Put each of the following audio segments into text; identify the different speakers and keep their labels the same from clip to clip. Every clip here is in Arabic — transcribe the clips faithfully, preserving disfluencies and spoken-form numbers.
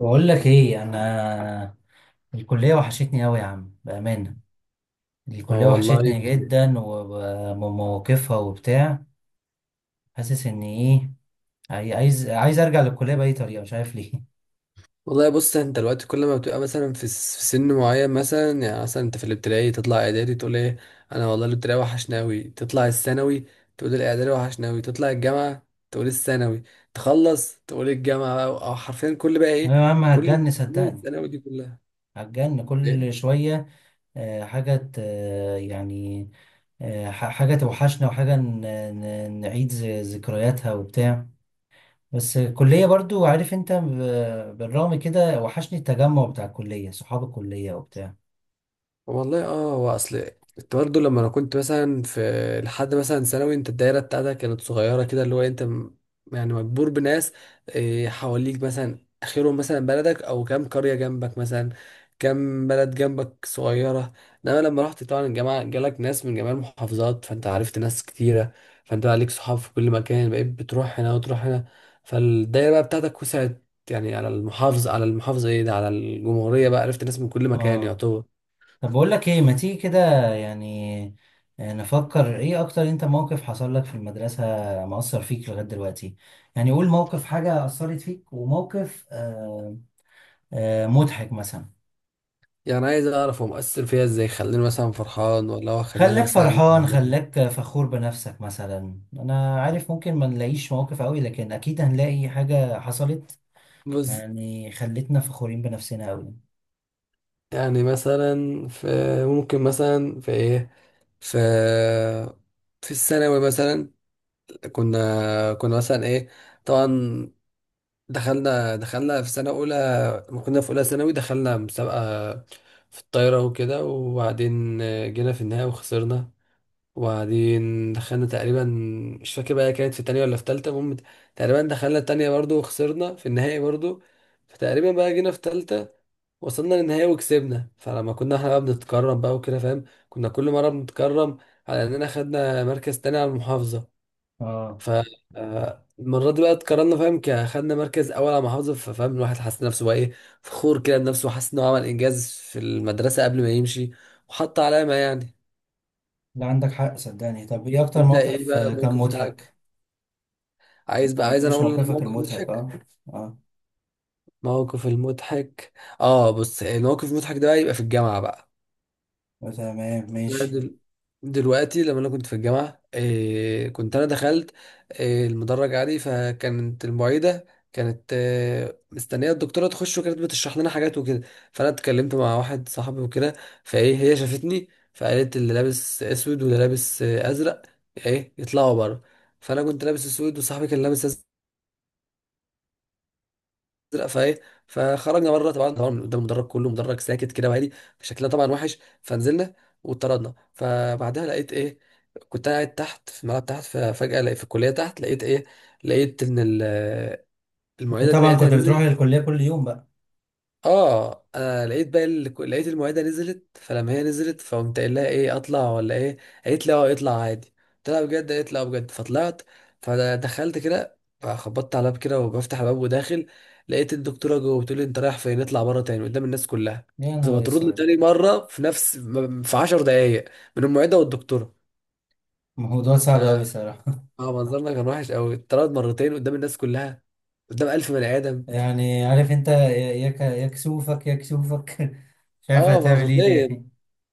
Speaker 1: بقول لك ايه انا. الكليه وحشتني قوي يا عم بامانه.
Speaker 2: هو
Speaker 1: الكليه
Speaker 2: والله.
Speaker 1: وحشتني جدا ومواقفها وبتاع. حاسس ان ايه، عاي- عايز عايز ارجع للكليه باي طريقه، مش عارف ليه.
Speaker 2: والله بص، انت دلوقتي كل ما بتبقى مثلا في س- في سن معين، مثلا يعني مثلا انت في الابتدائي تطلع اعدادي تقول ايه؟ انا والله الابتدائي وحشني اوي، تطلع الثانوي تقول الاعدادي وحشني اوي، تطلع الجامعه تقول الثانوي، تخلص تقول الجامعه بقى، او حرفيا كل بقى
Speaker 1: ايوه
Speaker 2: ايه،
Speaker 1: يا عم
Speaker 2: كل
Speaker 1: هتجن
Speaker 2: سنين
Speaker 1: صدقني،
Speaker 2: الثانوي دي كلها.
Speaker 1: هتجن
Speaker 2: إيه؟
Speaker 1: كل شويه. آه، حاجه ت- آه، يعني، آه، ح- حاجه توحشنا، وحاجه ن- ن- نعيد ذ- ذكرياتها وبتاع. بس الكليه برضو عارف انت، ب- بالرغم كده وحشني التجمع بتاع الكليه، صحاب الكليه وبتاع.
Speaker 2: والله اه، هو اصل كنت برضه لما انا كنت مثلا في، لحد مثلا ثانوي، انت الدايره بتاعتك كانت صغيره كده، اللي هو انت م- يعني مجبور بناس آه، حواليك، مثلا اخرهم مثلا بلدك او كام قريه جنبك، مثلا كام بلد جنبك صغيره. انما لما رحت طبعا الجامعه، جالك ناس من جميع المحافظات، فانت عرفت ناس كتيره، فانت بقى ليك صحاب في كل مكان، بقيت بتروح هنا وتروح هنا، فالدايره بقى بتاعتك وسعت، يعني على المحافظه، على المحافظه ايه ده، على الجمهوريه بقى، عرفت ناس من كل مكان
Speaker 1: اه
Speaker 2: يعتبر.
Speaker 1: طب بقول لك ايه، ما تيجي كده يعني، آه، نفكر ايه اكتر. انت موقف حصل لك في المدرسة مأثر فيك لغاية دلوقتي، يعني قول موقف، حاجة أثرت فيك، وموقف آه آه مضحك مثلا.
Speaker 2: يعني عايز اعرف هو مؤثر فيها ازاي، خلاني مثلا فرحان ولا هو خلاني
Speaker 1: خلاك
Speaker 2: مثلا
Speaker 1: فرحان،
Speaker 2: زعلان.
Speaker 1: خلاك فخور بنفسك مثلا، انا عارف ممكن ما نلاقيش مواقف قوي، لكن اكيد هنلاقي حاجة حصلت
Speaker 2: بص،
Speaker 1: يعني خلتنا فخورين بنفسنا قوي.
Speaker 2: يعني مثلا في، ممكن مثلا في ايه، في في الثانوي مثلا، كنا كنا مثلا ايه، طبعا دخلنا دخلنا في سنة أولى، ما كنا في أولى ثانوي، دخلنا مسابقة في الطايرة وكده، وبعدين جينا في النهاية وخسرنا، وبعدين دخلنا تقريبا، مش فاكر بقى كانت في تانية ولا في تالتة، المهم تقريبا دخلنا التانية برضو وخسرنا في النهائي برضو، فتقريبا بقى جينا في تالتة وصلنا للنهائي وكسبنا. فلما كنا احنا بقى بنتكرم بقى وكده، فاهم، كنا كل مرة بنتكرم على اننا خدنا مركز تاني على المحافظة.
Speaker 1: اه.
Speaker 2: ف آه، المرة دي بقى اتكرمنا، فاهم، ك- خدنا مركز أول على المحافظة. ففاهم الواحد حس نفسه بقى إيه، فخور كده بنفسه، وحس إنه عمل إنجاز في المدرسة قبل ما يمشي، وحط علامة يعني.
Speaker 1: لا عندك حق صدقني. طب ايه اكتر
Speaker 2: أنت إيه
Speaker 1: موقف
Speaker 2: بقى
Speaker 1: آه، كان
Speaker 2: الموقف بتاعك؟
Speaker 1: مضحك؟
Speaker 2: عايز
Speaker 1: انت ما
Speaker 2: بقى عايز انا
Speaker 1: قلتليش
Speaker 2: اقول لك
Speaker 1: موقفك
Speaker 2: موقف
Speaker 1: المضحك.
Speaker 2: مضحك.
Speaker 1: اه. اه
Speaker 2: موقف المضحك، اه بص، الموقف المضحك ده بقى يبقى في الجامعه بقى.
Speaker 1: تمام
Speaker 2: أنا
Speaker 1: ماشي.
Speaker 2: دل... دلوقتي لما انا كنت في الجامعه إيه، كنت انا دخلت إيه المدرج عادي، فكانت المعيده كانت إيه مستنيه الدكتوره تخش، وكانت بتشرح لنا حاجات وكده. فانا اتكلمت مع واحد صاحبي وكده، فايه هي شافتني، فقالت اللي لابس اسود واللي لابس آه، ازرق ايه يطلعوا بره. فانا كنت لابس اسود، وصاحبي كان لابس ازرق، ازرق فايه فخرجنا بره. طبعا طبعا قدام المدرج كله، مدرج ساكت كده وهادي، شكلنا طبعا وحش، فنزلنا واتطردنا. فبعدها لقيت ايه، كنت أنا قاعد تحت في الملعب تحت، ففجأة لقيت في الكلية تحت لقيت ايه، لقيت ان ال- المعيدة
Speaker 1: انت
Speaker 2: دي
Speaker 1: طبعا
Speaker 2: لقيتها
Speaker 1: كنت بتروح
Speaker 2: نزلت.
Speaker 1: للكلية كل يوم بقى.
Speaker 2: اه انا لقيت بقى ال... لقيت المعده نزلت، فلما هي نزلت فقمت قايل لها ايه اطلع ولا ايه، قالت لي اه اطلع عادي، قلت لها بجد، قالت لي اه بجد، فطلعت، فدخلت كده خبطت على الباب كده وبفتح الباب وداخل، لقيت الدكتوره جوه بتقول لي انت رايح فين، اطلع بره تاني قدام الناس كلها.
Speaker 1: يا
Speaker 2: فما
Speaker 1: نهار
Speaker 2: ترد لي
Speaker 1: اسود.
Speaker 2: تاني مره في نفس م- في عشر دقائق من المعده والدكتوره.
Speaker 1: موضوع
Speaker 2: ف
Speaker 1: صعب أوي صراحة.
Speaker 2: اه منظرنا كان وحش قوي، اتطرد مرتين قدام الناس كلها، قدام ألف بني ادم.
Speaker 1: يعني عارف انت يا، يا ك- يا كسوفك، يا كسوفك. مش عارف
Speaker 2: اه
Speaker 1: هتعمل ايه
Speaker 2: مرتين،
Speaker 1: تاني.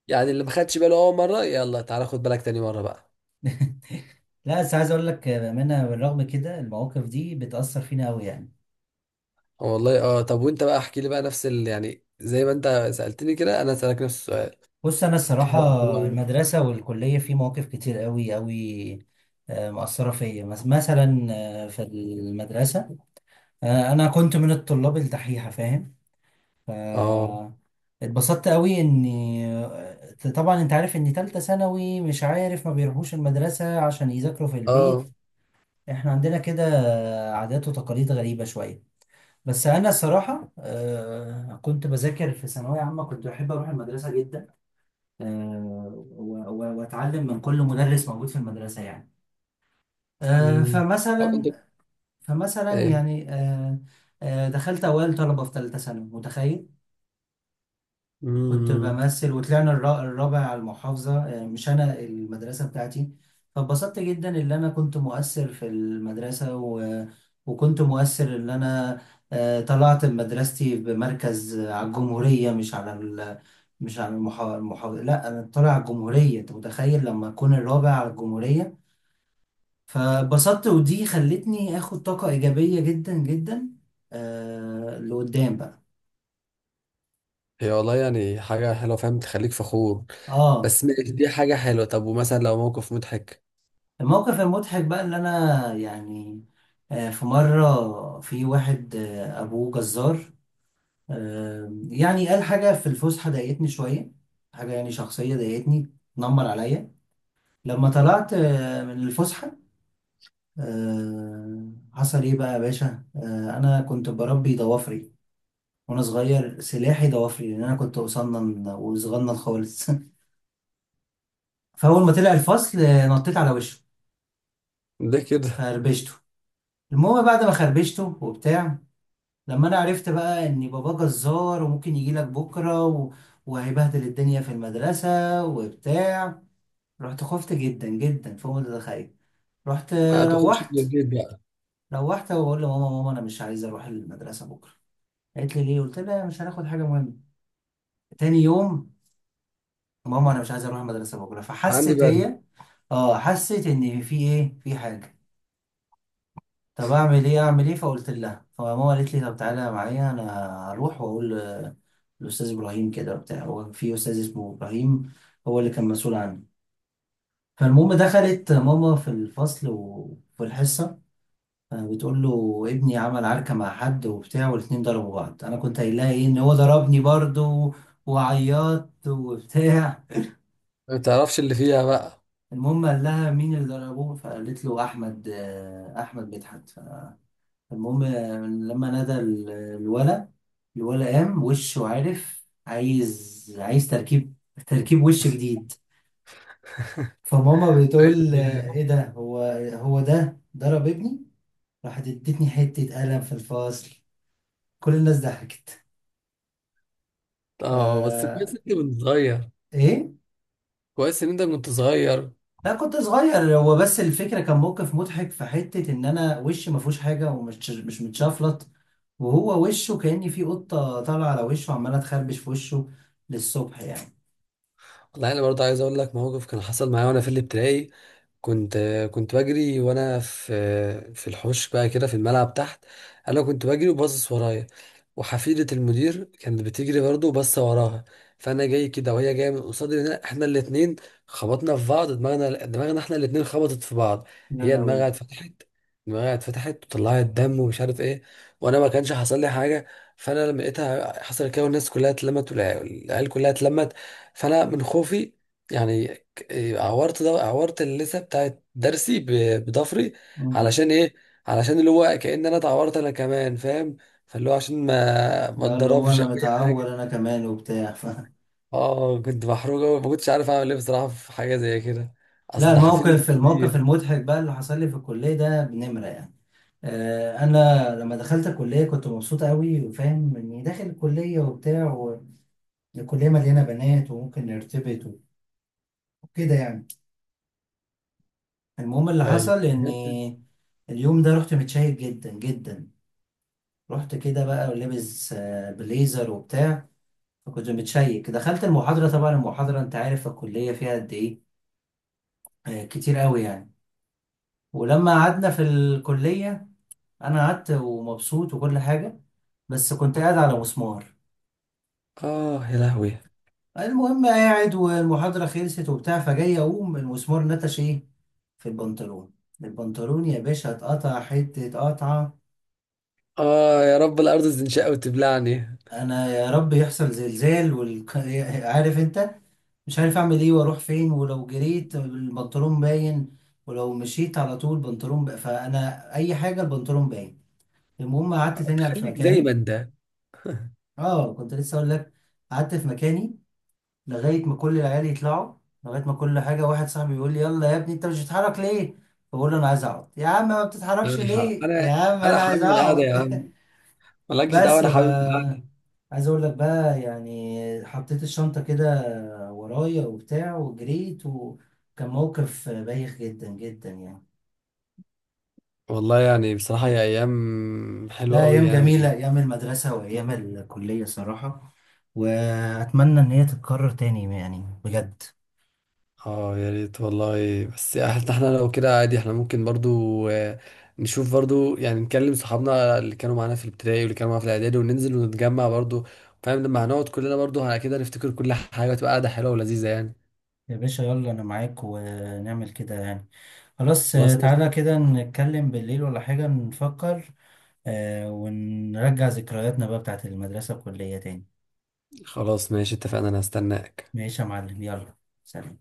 Speaker 2: يعني اللي ما خدش باله اول مره، يلا تعالى خد بالك تاني مره بقى.
Speaker 1: لا بس عايز اقول لك بأمانة، بالرغم كده المواقف دي بتأثر فينا أوي يعني.
Speaker 2: آه والله اه، طب وانت بقى احكي لي بقى نفس ال... يعني زي ما انت سالتني كده، انا اسالك نفس السؤال.
Speaker 1: بص أنا الصراحة، المدرسة والكلية في مواقف كتير أوي أوي آه، مأثرة فيا. مس- مثلا آه، في المدرسة، آه، أنا كنت من الطلاب الدحيحة فاهم. ف
Speaker 2: اه،
Speaker 1: اتبسطت قوي اني، آه، طبعا انت عارف ان تالتة ثانوي مش عارف ما بيروحوش المدرسة عشان يذاكروا في البيت.
Speaker 2: اه،
Speaker 1: احنا عندنا كده عادات وتقاليد غريبة شوية. بس انا الصراحة آه، كنت بذاكر في ثانوية عامة، كنت بحب اروح المدرسة جدا، آه، و- و- واتعلم من كل مدرس موجود في المدرسة يعني. آه،
Speaker 2: امم آه، انت
Speaker 1: فمثلا فمثلا
Speaker 2: ايه،
Speaker 1: يعني آه، آه، دخلت اوائل طلبة في تالتة ثانوي متخيل. كنت
Speaker 2: امم
Speaker 1: بمثل وطلعنا الرا- الرابع على المحافظة، يعني مش أنا، المدرسة بتاعتي. فاتبسطت جدا إن أنا كنت مؤثر في المدرسة و... وكنت مؤثر إن أنا آه، طلعت مدرستي بمركز على الجمهورية، مش على ال... مش على المحا... المحافظة، لا أنا طالع على الجمهورية. أنت متخيل لما أكون الرابع على الجمهورية؟ فبسطت ودي خلتني آخد طاقة إيجابية جدا جدا آه لقدام بقى.
Speaker 2: هي والله يعني حاجه حلوه، فاهم، تخليك فخور.
Speaker 1: اه.
Speaker 2: بس ماشي، دي حاجه حلوه. طب ومثلا لو موقف مضحك؟
Speaker 1: الموقف المضحك بقى اللي انا يعني، آه، في مرة في واحد آه، ابوه جزار، آه، يعني قال حاجة في الفسحة ضايقتني شوية، حاجة يعني شخصية ضايقتني، نمر عليا. لما طلعت آه، من الفسحة، آه، حصل ايه بقى يا باشا، آه، انا كنت بربي ضوافري وانا صغير، سلاحي ضوافري لان انا كنت قصنن وصغنن خالص. فاول ما طلع الفصل، آه، نطيت على وشه،
Speaker 2: ليه كده؟
Speaker 1: خربشته. المهم بعد ما خربشته وبتاع، لما انا عرفت بقى ان بابا جزار وممكن يجي لك بكره و... وهيبهدل الدنيا في المدرسه وبتاع، رحت خفت جدا جدا فوق ما تتخيل. رحت
Speaker 2: ما تخرجش
Speaker 1: روحت
Speaker 2: من البيت بقى.
Speaker 1: روحت وبقول لماما: ماما انا مش عايز اروح المدرسه بكره. قالت لي ليه؟ قلت لها مش هناخد حاجه مهمه. تاني يوم: ماما انا مش عايز اروح المدرسه بكره.
Speaker 2: عندي
Speaker 1: فحست
Speaker 2: برد.
Speaker 1: هي، اه، حست ان في ايه، في حاجه. طب اعمل ايه اعمل ايه؟ فقلت لها، فماما قالت لي طب تعالى معايا انا، هروح واقول ل- للاستاذ ابراهيم كده وبتاع. هو في استاذ اسمه ابراهيم، هو اللي كان مسؤول عني. فالمهم دخلت ماما في الفصل وفي الحصه، آه، بتقول له ابني عمل عركه مع حد وبتاع، والاتنين ضربوا بعض. انا كنت قايل لها ايه، ان هو ضربني برضه وعيطت وبتاع.
Speaker 2: ما تعرفش اللي فيها بقى.
Speaker 1: المهم قال لها مين اللي ضربه؟ فقالت له احمد، آه، احمد مدحت. المهم آه، لما نادى ال- الولا، الولا قام وشه عارف عايز، عايز تركيب، تركيب وش جديد. فماما بتقول
Speaker 2: عادي.
Speaker 1: آه، ايه
Speaker 2: يعني.
Speaker 1: ده، هو هو ده ضرب ابني؟ راحت ادتني حتة قلم في الفصل. كل الناس ضحكت.
Speaker 2: اه بس
Speaker 1: ف
Speaker 2: كويس ان انت كنت صغير.
Speaker 1: ايه
Speaker 2: كويس ان انت كنت صغير
Speaker 1: لا كنت صغير، هو بس الفكرة كان موقف مضحك في حتة ان انا وشي ما فيهوش حاجة ومش مش متشفلط، وهو وشه كأني في قطة طالعة على وشه وعمالة تخربش في وشه للصبح يعني.
Speaker 2: والله انا برضه عايز اقول لك موقف كان حصل معايا وانا في الابتدائي. كنت كنت بجري وانا في في الحوش بقى كده، في الملعب تحت. انا كنت بجري وباصص ورايا، وحفيدة المدير كانت بتجري برضه وباصه وراها، فانا جاي كده وهي جايه من قصادي، هنا احنا الاتنين خبطنا في بعض، دماغنا دماغنا احنا الاتنين خبطت في بعض.
Speaker 1: يا
Speaker 2: هي
Speaker 1: لهوي.
Speaker 2: دماغها اتفتحت، دماغها اتفتحت وطلعت دم ومش عارف ايه، وانا ما كانش حصل لي حاجه. فانا لما لقيتها حصل كده والناس كلها اتلمت، والعيال العيال كلها اتلمت، فانا من خوفي يعني، ك- إيه، عورت، ده عورت اللثه بتاعت درسي ب- بضفري.
Speaker 1: مم.
Speaker 2: علشان ايه؟ علشان اللي هو كأن انا اتعورت انا كمان، فاهم، فاللي هو عشان ما ما
Speaker 1: لا اللي هو
Speaker 2: اتضربش
Speaker 1: انا
Speaker 2: او اي
Speaker 1: متعور
Speaker 2: حاجه.
Speaker 1: انا كمان وبتاع ف...
Speaker 2: اه كنت محروق قوي، ما كنتش عارف اعمل ايه بصراحه في حاجه زي كده،
Speaker 1: لا
Speaker 2: اصل ده حفيدة
Speaker 1: الموقف، الموقف
Speaker 2: الكليه.
Speaker 1: المضحك بقى اللي حصل لي في الكليه ده بنمره يعني. آه، انا لما دخلت الكليه كنت مبسوط قوي وفاهم اني داخل الكليه وبتاع، والكليه مليانه بنات وممكن نرتبط وكده يعني. المهم اللي
Speaker 2: ايوه.
Speaker 1: حصل اني اليوم ده رحت متشيك جدا جدا، رحت كده بقى ولابس آه، بليزر وبتاع. فكنت متشيك دخلت المحاضره، طبعا المحاضره انت عارف الكليه فيها قد ايه، آه، كتير قوي يعني. ولما قعدنا في الكلية أنا قعدت ومبسوط وكل حاجة، بس كنت قاعد على مسمار.
Speaker 2: اه يا لهوي.
Speaker 1: المهم قاعد والمحاضرة خلصت وبتاع، فجاي أقوم المسمار نتش إيه في البنطلون. البنطلون يا باشا اتقطع حتة قطعة.
Speaker 2: اه يا رب الارض تنشق وتبلعني.
Speaker 1: أنا يا رب يحصل زلزال وال... عارف أنت، مش عارف أعمل إيه وأروح فين، ولو جريت البنطلون باين، ولو مشيت على طول بنطلون ب... فأنا أي حاجة البنطلون باين. المهم قعدت تاني على في
Speaker 2: خليك زي ما
Speaker 1: مكاني.
Speaker 2: انت.
Speaker 1: اه كنت لسه اقول لك، قعدت في مكاني لغايه ما كل العيال يطلعوا، لغايه ما كل حاجه، واحد صاحبي يقول لي يلا يا ابني انت مش بتتحرك ليه؟ بقول له انا عايز اقعد يا عم، ما بتتحركش
Speaker 2: يعني ح-
Speaker 1: ليه يا
Speaker 2: انا
Speaker 1: عم،
Speaker 2: انا
Speaker 1: انا عايز
Speaker 2: حابب القعده يا عم،
Speaker 1: اقعد.
Speaker 2: مالكش دعوه
Speaker 1: بس ف
Speaker 2: انا حابب القعده.
Speaker 1: عايز اقول لك بقى يعني، حطيت الشنطه كده ورايا وبتاع وجريت، وكان موقف بايخ جدا جدا يعني.
Speaker 2: والله يعني بصراحة هي أيام حلوة
Speaker 1: لا
Speaker 2: أوي
Speaker 1: ايام جميله،
Speaker 2: يعني.
Speaker 1: ايام المدرسه وايام الكليه صراحه، واتمنى ان هي تتكرر تاني يعني بجد.
Speaker 2: اه يا ريت والله. بس احنا إحنا لو كده عادي، احنا ممكن برضو آه، نشوف برضو يعني، نكلم صحابنا اللي كانوا معانا في الابتدائي واللي كانوا معانا في الإعدادي وننزل ونتجمع برضو، فاهم، لما هنقعد كلنا برضو على كده نفتكر كل حاجة، تبقى قاعدة حلوة ولذيذة يعني.
Speaker 1: يا باشا يلا انا معاك ونعمل كده يعني، خلاص آه،
Speaker 2: خلاص
Speaker 1: تعالى
Speaker 2: ماشي.
Speaker 1: كده نتكلم بالليل ولا حاجة نفكر، آه، ونرجع ذكرياتنا بقى بتاعت المدرسة والكلية تاني.
Speaker 2: خلاص ماشي اتفقنا، أنا هستناك.
Speaker 1: ماشي يا معلم، يلا، سلام.